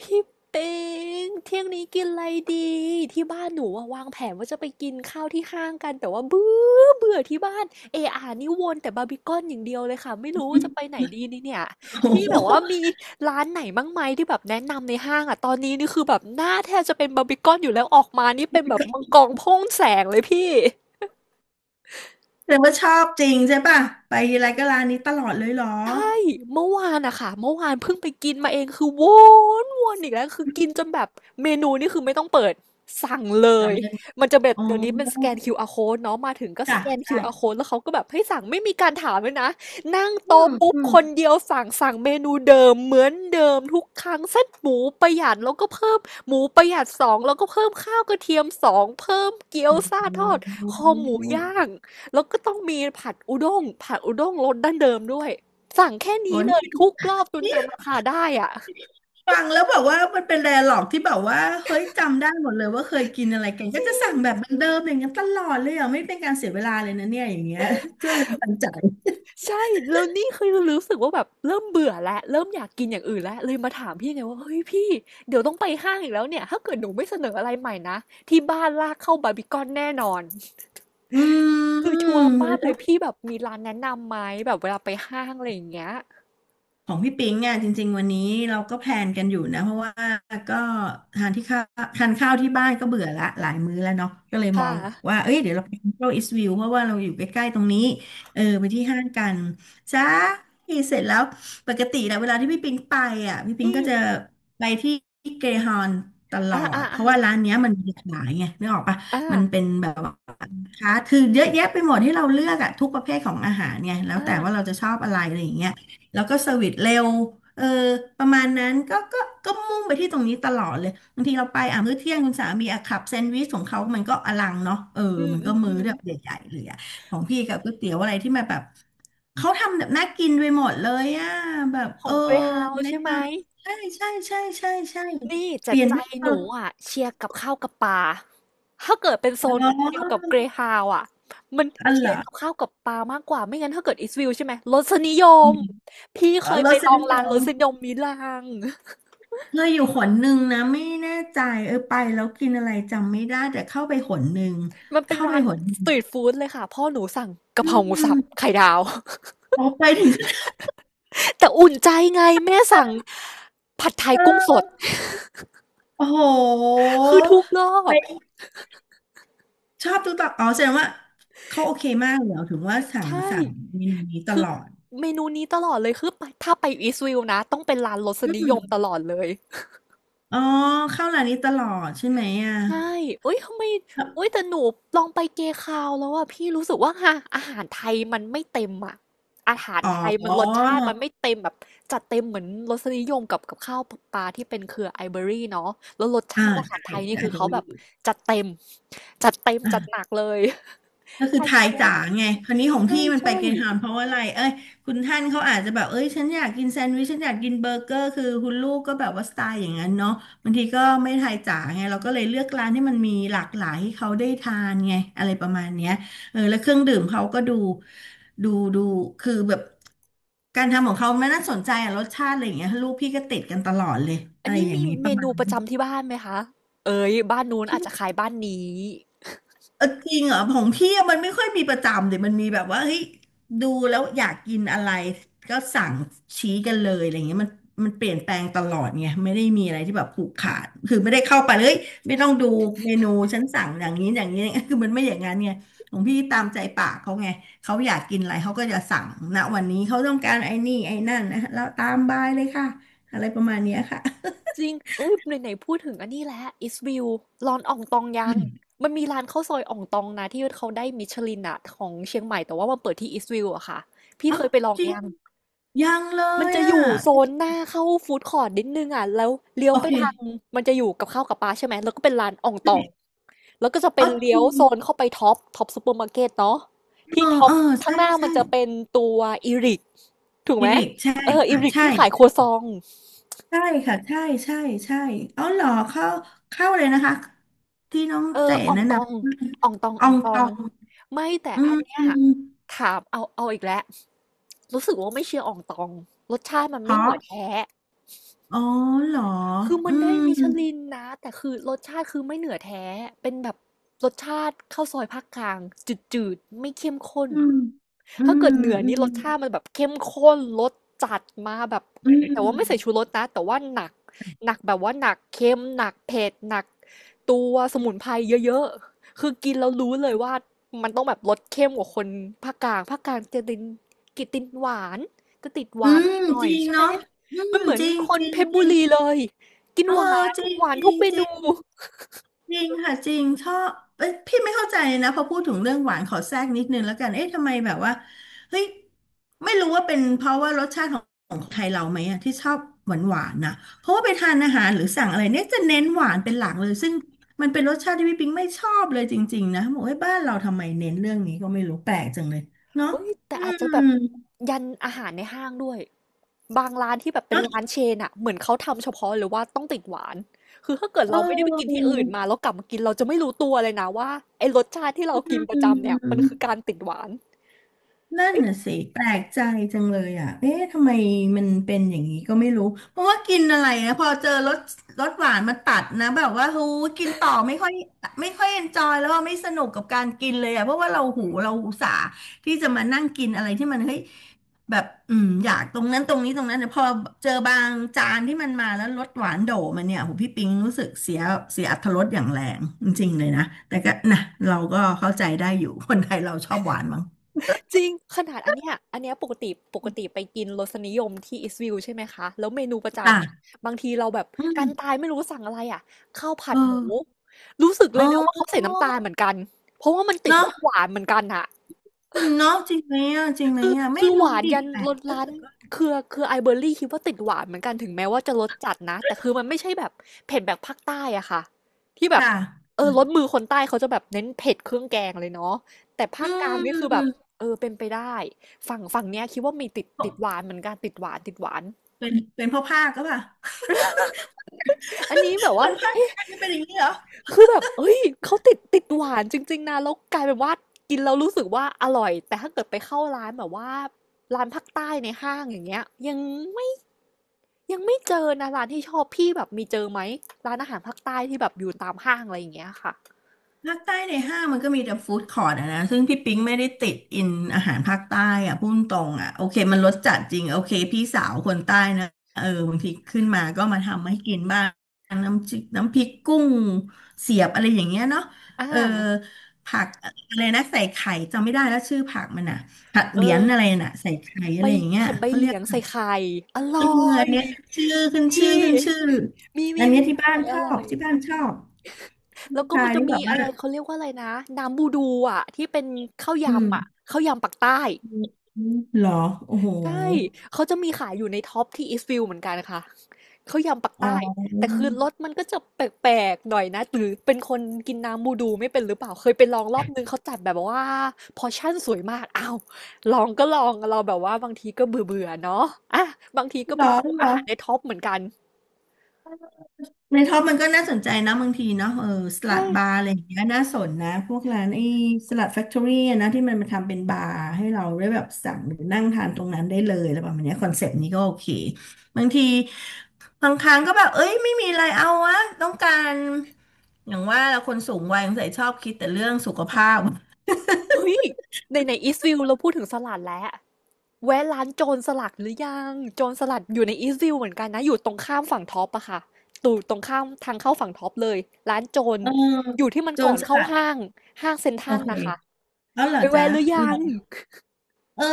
พี่ปิงเที่ยงนี้กินอะไรดีที่บ้านหนูอะวางแผนว่าจะไปกินข้าวที่ห้างกันแต่ว่าเบื่อเบื่อที่บ้านเออานี่วนแต่บาร์บีคอนอย่างเดียวเลยค่ะไม่รู้ว่าจะไปไหนดีนี่เนี่ยโอ้พี่โหแบบว่ามีร้านไหนบ้างไหมที่แบบแนะนำในห้างอ่ะตอนนี้นี่คือแบบหน้าแทบจะเป็นบาร์บีคอนอยู่แล้วออกมานี่เป็นแบบมังกรพ่นแสงเลยพี่ แสดงว่าชอบจริงใช่ป่ะไปทีไรก็ร้านนี้ตลอดเลยเหรอเมื่อวานอะค่ะเมื่อวานเพิ่งไปกินมาเองคือวนอีกแล้วคือกินจนแบบเมนูนี่คือไม่ต้องเปิดสั่งเลยจำได้หมดมันจะแบบอ๋อเดี๋ยวนี้เป็นสแกนคิวอาร์ code เนาะมาถึงก็สจ้ะแกนคิใช่วอาร์ code แล้วเขาก็แบบให้สั่งไม่มีการถามเลยนะนั่งอืโต๊ะมปุ๊บอืมคนเดียวสั่งเมนูเดิมเหมือนเดิมทุกครั้งเส้นหมูประหยัดแล้วก็เพิ่มหมูประหยัดสองแล้วก็เพิ่มข้าวกระเทียมสองเพิ่มเกี๊ยวอืซ่าทอดคอหมูย่ามงแล้วก็ต้องมีผัดอุด้งผัดอุด้งรสดั้งเดิมด้วย สั่งแค่โอ้นี้เลนี่ยทุกรอบจนนี่จำราคาได้อะฟังแล้วแบบว่ามันเป็น d ด a l ล g อกที่แบบว่าเฮ้ยจำได้หมดเลยว่าเคยกินอะไรกันจก็ริจะสั่งงแบบเหมือนเดิมอย่างนั้นตลอดเลยอ่ะไม่เป็นการเสียเวลาเลยนะเนี่ยอย่างเงี้ย จนเลยตันใจใช่แล้วนี่คือรู้สึกว่าแบบเริ่มเบื่อแล้วเริ่มอยากกินอย่างอื่นแล้วเลยมาถามพี่ไงว่าเฮ้ยพี่เดี๋ยวต้องไปห้างอีกแล้วเนี่ยถ้าเกิดหนูไม่เสนออะไรใหม่นะที่บ้านลากเข้าบาร์บีคอนแน่นอนอืคือชัวร์ป้าบเลยม พี่แบบมีร้านแนะนำไหมแบบเวลาไปห้างอะไรอย่างเงี้ยของพี่ปิงอ่ะจริงๆวันนี้เราก็แพลนกันอยู่นะเพราะว่าก็ทานที่ข้าวทานข้าวที่บ้านก็เบื่อละหลายมื้อแล้วเนาะก็เลยมอค่ะงว่าเอ้ยเดี๋ยวเราไปเที่ยวอิสวิวเพราะว่าเราอยู่ใกล้ๆตรงนี้เออไปที่ห้างกันจ้าเสร็จแล้วปกติแล้วเวลาที่พี่ปิงไปอ่ะพี่ปิงอืมก็จะไปที่เกรฮอนตลอ่าออ่าดเพอ่าราะว่าร้านเนี้ยมันมีขายไงนึกออกปะอ่ามันเป็นแบบ ค่ะคือเยอะแยะไปหมดที่เราเลือกอะทุกประเภทของอาหารเนี่ยแล้วแต่ว่าเราอ่าจะชอบอะไรอะไรอย่างเงี้ยแล้วก็เซอร์วิสเร็วเออประมาณนั้นก็มุ่งไปที่ตรงนี้ตลอดเลยบางทีเราไปอ่ะมื้อเที่ยงคุณสามีอ่ะขับแซนด์วิชของเขามันก็อลังเนาะเอออืมมันอืก็มมื้อือมแบบใหญ่ๆเลยอะของพี่กับก๋วยเตี๋ยวอะไรที่มาแบบเขาทำแบบน่ากินไปหมดเลยอะแบบขเออองเกรฮาแนะใช่ไหนม ำใช่ใช่ใช่ใช่ใช่นี่จัเปดลี่ยนใจบ้างเอหนูอะอ่ะเชียร์กับข้าวกับปลาถ้าเกิดเป็นโซอ๋นอเดียวกับเกรฮาวอ่ะ มันอ๋อเหเชีรยอร์กับข้าวกับปลามากกว่าไม่งั้นถ้าเกิดอิสวิลใช่ไหมรสนิยอืมมพี่เคอ๋อยรไปสลอนิงยร้านรม สนิยมมิลาง เคยอยู่หนหนึ่งนะไม่แน่ใจเออไปแล้วกินอะไรจำไม่ได้แต่เข้าไปหนหนึ่งมันเป็นเข้าไปร้านหนหสนึ่ตงรีทฟู้ดเลยค่ะพ่อหนูสั่งกะอืเพราหมูสับมไข่ดาว โอ้ไปถึงก็แต่อุ่นใจไงแม่ไดสั่ง้ผัดไทยกุ้งสเออด โอ้โห คือทุกรอบไปชอบทุกตอนอ๋อแสดงว่าเขาโอเคมากเลยเหรอถึงว่าสั่ใชง่สั่งเมนูนี้ตคือลอดเมนูนี้ตลอดเลยคือไปถ้าไปอีสวิลนะต้องเป็นร้านรสอืนิยมมตลอดเลย อ๋อเข้าร้านนี้ตลอดใช่ไหมอ่ะใช่เอ้ยทำไมแล้วเอ้ยแต่หนูลองไปเกคาวแล้วอะพี่รู้สึกว่าค่ะอาหารไทยมันไม่เต็มอะอาหารอ๋ไทยมันรสอชาติมันไม่เต็มแบบจัดเต็มเหมือนรสนิยมกับข้าวปลาที่เป็นเครือไอเบอรี่เนาะแล้วรสอ่าชาติอาหาใช่รไทยนี่ใช่ไอคือเบอเขาแบรี่ บจัดเต็มจัดเต็มจัดหนักเลยก็ไทคือยทายแท้จ๋าไงคราวนี้ของใช่พี่มันไปใช่เกรฮาวนด์เพราะว่าอะไรเอ้ยคุณท่านเขาอาจจะแบบ เอ้ยฉันอยากกินแซนด์วิชฉันอยากกินเบอร์เกอร์คือคุณลูกก็แบบว่าสไตล์อย่างนั้นเนาะบางทีก็ไม่ทายจ๋าไง เราก็เลยเลือกร้านที่มันมีหลากหลายให้เขาได้ทานไงอะไรประมาณเนี้ยเออแล้วเครื่องดื่มเขาก็ดูดูคือแบบการทำของเขามันน่าสนใจอะรสชาติอะไรอย่างเงี้ยลูกพี่ก็ติดกันตลอดเลยอัอะนไรนี้อย่างมีงี้ปเมระมานูณประนี้ จำที่บ้านไหมคะเอ้ยบ้านนู้นอาจจะขายบ้านนี้ เออจริงเหรอของพี่อะมันไม่ค่อยมีประจำเดี๋ยวมันมีแบบว่าเฮ้ยดูแล้วอยากกินอะไรก็สั่งชี้กันเลยอะไรเงี้ยมันเปลี่ยนแปลงตลอดไงไม่ได้มีอะไรที่แบบผูกขาดคือไม่ได้เข้าไปเลยไม่ต้องดูเมนูฉันสั่งอย่างนี้อย่างนี้ คือมันไม่อย่างนั้นไงของพี่ตามใจปากเขาไงเขาอยากกินอะไรเขาก็จะสั่งณวันนี้เขาต้องการไอ้นี่ไอ้นั่นนะแล้วตามบายเลยค่ะอะไรประมาณเนี้ยค่ะจริงเอ้ยไหนๆพูดถึงอันนี้แล้ว East View ร้านอ่องตองยังมันมีร้านข้าวซอยอ่องตองนะที่เขาได้มิชลินอะของเชียงใหม่แต่ว่ามันเปิดที่ East View อะค่ะพี่เอ้าเคยไปลองจริงยังยังเลมันยจะออ่ะยู่โซนหน้าเข้าฟู้ดคอร์ทนิดนึงอะแล้วเลี้ยวโอไปเคทางมันจะอยู่กับข้าวกับปลาใช่ไหมแล้วก็เป็นร้านอ่องตองใช่แล้วก็จะเป็อ๋อนจเลี้ยริวง โซนเข้าไปท็อปซูเปอร์มาร์เก็ตเนาะเอที่อท็อเอปอข้าใช่งหน้ามัใช่นจะเป็นตัวอีริกถูกไหฮิมริกใช่เอออีค่ะริกใช่ที่ขายครัวซอง ใช่ค่ะใช่ใช่ ใช่เอาเหรอเข้าเข้าเลยนะคะที่น้องเออเจ๋อ่องแนะ ต นองอ่องตองำอออ่องงตอตองงไม่แต่อือัมนเนี้ยอืมถามเอาอีกแล้วรู้สึกว่าไม่เชียร์อ่องตองรสชาติมันเพไม่เหนืราะอแท้ อ๋อเหรอคือมัอืนได้มมิชลินนะแต่คือรสชาติคือไม่เหนือแท้เป็นแบบรสชาติข้าวซอยภาคกลางจืดๆไม่เข้มข้นอืมอืถ้ามเกิดเหนืออืนี่มรสชาติมันแบบเข้มข้นรสจัดมาแบบอืแต่มว่าไม่ใส่ชูรสนะแต่ว่าหนักหนักแบบว่าหนักเค็มหนักเผ็ดหนักตัวสมุนไพรเยอะๆคือกินแล้วรู้เลยว่ามันต้องแบบรสเข้มกว่าคนภาคกลางจะตินกินตินหวานจะติดหอืวานมหน่อจยริๆงใช่ไหมเนาะอืมัมนเหมือจนริง คจนริเพง ชรจบุริงรีเลย กินเออหวานจริงหวานจริทุกงเมจนูริง จริงค่ะจริงชอบเอ้ยพี่ไม่เข้าใจนะพอพูดถึงเรื่องหวานขอแทรกนิดนึงแล้วกันเอ๊ะทำไมแบบว่าเฮ้ยไม่รู้ว่าเป็นเพราะว่ารสชาติของของไทยเราไหมอะที่ชอบหวานหวานนะเพราะว่าไปทานอาหารหรือสั่งอะไรเนี่ยจะเน้นหวานเป็นหลักเลยซึ่งมันเป็นรสชาติที่พี่ปิงไม่ชอบเลยจริงๆนะบอกว่าบ้านเราทำไมเน้นเรื่องนี้ก็ไม่รู้แปลกจังเลยเนาะเอ้ยแต่อือาจมจะแบบยันอาหารในห้างด้วยบางร้านที่แบบเป็นเนาะร้านเชนอะเหมือนเขาทำเฉพาะเลยว่าต้องติดหวานคือถ้าเกิดเเราไม่ได้ไปกินที่อออื่นมาแล้วกลับมากินเราจะไม่รู้ตัวเลยนะว่าไอ้รสชาติที่เรากินปอืระจำเนี่ยมันคือม การติดหวาน นั่นน่ะสิแปลกใจจังเลยอ่ะเอ๊ะทำไมมันเป็นอย่างนี้ก็ไม่รู้เพราะว่ากินอะไรนะพอเจอรสหวานมาตัดนะแบบว่าหูกินต่อไม่ค่อยเอนจอยแล้วว่าไม่สนุกกับการกินเลยอ่ะเพราะว่าเราหูเราอุตส่าห์ที่จะมานั่งกินอะไรที่มันเฮ้ยแบบอืมอยากตรงนั้นตรงนี้ตรงนั้นแต่พอเจอบางจานที่มันมาแล้วรสหวานโดมันเนี่ยหูพี่ปิงรู้สึกเสียอรรถรสอย่างแรงจริงๆเลยนะแต่ก็นะเราก็เข้าใจได้อยู่คนไทยเราชอบหวานมั้งจริงขนาดอันเนี้ยปกติไปกินรสนิยมที่อิสวิลใช่ไหมคะแล้วเมนูประจ้า จำอะบางทีเราแบบอืกันมตายไม่รู้สั่งอะไรอ่ะข้าวผัเอดอหมูรู้สึกเลยนะว่าเออเขาใส่น้ำตาลเหมือนกันเพราะว่ามันติดรเนาะสหวานเหมือนกันอะ ืมเนาะจริงไหมอ่ะจริงไหมคืออ่ะไม่คือหรู้วานดิบยันแปลรสกร้านคือไอเบอร์รี่คิดว่าติดหวานเหมือนกันถึงแม้ว่าจะรสจัดนะแต่คือมันไม่ใช่แบบเผ็ดแบบภาคใต้อะค่ะที่แบคบ่ะเออรสมือคนใต้เขาจะแบบเน้นเผ็ดเครื่องแกงเลยเนาะแต่อืภาคกลางนี่คือแบบมเออเป็นไปได้ฝั่งเนี้ยคิดว่ามีติดหวานเหมือนกันติดหวานติดหวานเป็นพ่อภาคก็ปล่ะ อันนี้แบบ คว่านภาค กลางนี่เป็นอย่างนี้เหรอ คือแบบเอ้ยเขาติดหวานจริงๆนะแล้วกลายเป็นว่ากินแล้วรู้สึกว่าอร่อยแต่ถ้าเกิดไปเข้าร้านแบบว่าร้านภาคใต้ในห้างอย่างเงี้ยยังไม่ ยังไม่เจอนะร้านที่ชอบพี่แบบมีเจอไหมร้านอาหารภาคใต้ที่แบบอยู่ตามห้างอะไรอย่างเงี้ยค่ะภาคใต้ในห้างมันก็มีแต่ฟู้ดคอร์ทอะนะซึ่งพี่ปิ๊งไม่ได้ติดอินอาหารภาคใต้อะพูดตรงอะโอเคมันรสจัดจริงโอเคพี่สาวคนใต้นะเออบางทีขึ้นมาก็มาทำให้กินบ้างน้ำจิกน้ำพริกกุ้งเสียบอะไรอย่างเงี้ยเนาะอ่าเออผักอะไรนะใส่ไข่จำไม่ได้แล้วชื่อผักมันอะผักเอเหรียญออะไรน่ะใส่ไข่อะใบไรอย่างเงี้ยผัดใบเขาเหเรีลียกยงผัใส่กไข่อร่เออออัยนเนี้ยชื่อขึ้นชื่อนี่ขึ้นชื่อมีอัมีนเนี้ยมีที่อบ้าร่นอยชออร่อบยที่บ้านชอบลูแล้กวก็ชามัยนจะนี่แบมีบอะว่าไรเขาเรียกว่าอะไรนะน้ำบูดูอ่ะที่เป็นข้าวอืยำอ่ะม ข้าวยำปักใต้ เหรอโอ้โหใช่ เขาจะมีขายอยู่ในท็อปที่ Eastfiel เหมือนกันค่ะ เขายำปักอ๋ใต้ แต่อคือรสมันก็จะแปลกๆหน่อยนะ หรือเป็นคนกินน้ำบูดูไม่เป็นหรือเปล่า เคยไปลองรอบนึงเขาจัดแบบว่าพอร์ชั่นสวยมากอ้าวลองก็ลองเราแบบว่าบางทีก็เบื่อๆเนาะอ่ะบางทีก็เหรไปอดูเหรอาอ หารในท็อปเหมือนกัน ในท็อปมันก็น่าสนใจนะบางทีเนาะเออสลัใช่ดบาร์ค่ะอะไรอย่างเงี้ยน่าสนนะ พวกร้านไอ้สลัดแฟคทอรี่นะที่มันมาทำเป็นบาร์ให้เราได้แบบสั่งหรือนั่งทานตรงนั้นได้เลยอะไรประมาณเนี้ยคอนเซปต์นี้ก็โอเคบางทีบางครั้งก็แบบเอ้ยไม่มีอะไรเอาวะต้องการ อย่างว่าเราคนสูงวัยสงสัยชอบคิดแต่เรื่องสุขภาพเฮ้ยในอีสฟิวเราพูดถึงสลัดแล้ว แวะร้านโจรสลัดหรือยังโจรสลัดอยู่ในอีสต์วิวเหมือนกันนะอยู่ตรงข้ามฝั่งท็อปอะค่ะตู่ตรงข้ามทางเข้าฝั่งท็อปเลยร้านโจรเอออยู่ที่มันโจก่อรนสเข้าลัดห้างห้างเซ็นทโอรัลเคนะคะแล้วเหรอไปจ๊ะแวะหรือเหรยังอ เออ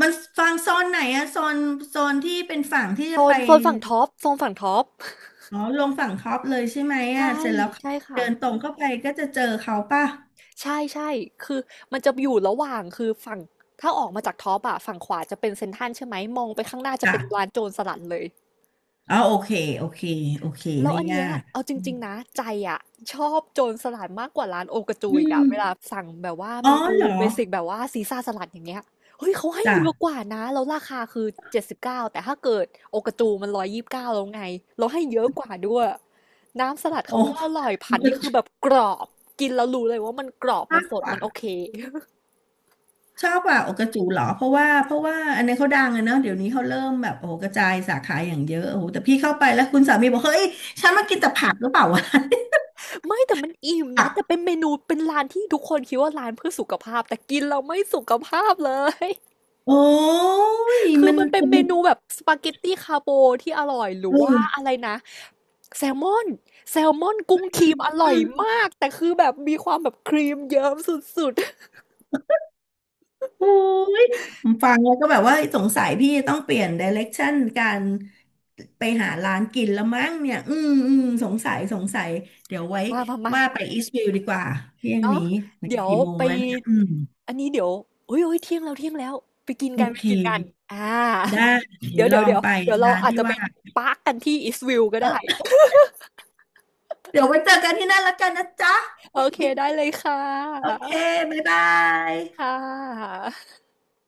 มันฟังโซนไหนอะโซนโซนที่เป็นฝั่งที่โซจะไปนโซนฝั่งท็อปโซนฝั่งท็อปอ๋อลงฝั่งคอปเลยใช่ไหมอะใช่เสร็จแล้วใช่ค่ะเดินตรงเข้าไปก็จะเจอเขาป่ะใช่ใช่คือมันจะอยู่ระหว่างคือฝั่งถ้าออกมาจากท็อปอะฝั่งขวาจะเป็นเซ็นทรัลใช่ไหมมองไปข้างหน้าจะค่ะเป็นร้านโจรสลัดเลย อ๋อโอเคโอเคโอเคแล้วไม่อันยาเนี้ยกเอาจริงๆนะใจอะชอบโจรสลัดมากกว่าร้านโอกาจูอือีกอะมเวลาสั่งแบบว่าอ๋อเมนูเหรอเบสิกแบบว่าซีซ่าสลัดอย่างเงี้ยเฮ้ยเขาให้จ้ะเยอะกว่านะแล้วราคาคือ79แต่ถ้าเกิดโอกาจูมัน129แล้วไงเราให้เยอะกว่าด้วยน้ำสลัดโอเขาก็อ้ร่อยผัดนี่คือแบบกรอบกินแล้วรู้เลยว่ามันกรอบชมัอนบสดกว่ามันโอเค โอกระจูเหรอเพราะว่าอันนี้เขาดังอะเนาะเดี๋ยวนี้เขาเริ่มแบบโอ้โหกระจายสาขาอย่างเยอะโอ้โหแต่พี่เข้าไปแล้วคุณสามีบอกเฮ้ยฉันมากินแต่ผักหรือเปล่าวะ ไม่แต่มันอิ่มนะแต่ เป็นเมนูเป็นร้านที่ทุกคนคิดว่าร้านเพื่อสุขภาพแต่กินเราไม่สุขภาพเลย โอ้ยคือมันมันเป็นเมมันนูแบบสปาเกตตี้คาโบที่อร่อยหรืเออว่าอะอไรนะแซลมอนแซลมอนกุ้งครีมอร่อือยมมากแต่คือแบบมีความแบบครีมเยิ้มสุดโอ้ยผมฟังแล้วก็แบบว่าสงสัยพี่ต้องเปลี่ยนไดเ r ็กชั่นการไปหาร้านกินแล้วมั้งเนี่ยอืมสงสัยเดี๋ยวไว้ๆมามามาว่าไปอีสต์วิวดีกว่าเที่ยงเนาะนี้เดี๋ยวกี่โมงไปแล้วนะอืมอันนี้เดี๋ยวโอ้ยโอ้ยเที่ยงแล้วเที่ยงแล้วไปกินโอกันไปเคกินกันอ่าได้เดี๋ยเดี๋ยววลเดี๋ยอวงเดี๋ยวไปเดี๋ยวเราร้านอาจที่จะไปว่าปาร์กกันที่อิสวิลก็เได้ออเดี๋ยวไว้เจอกันที่นั่นแล้วกันนะจ๊ะโอเคได้เลยค่โอะเคบ๊ายบายค่ะ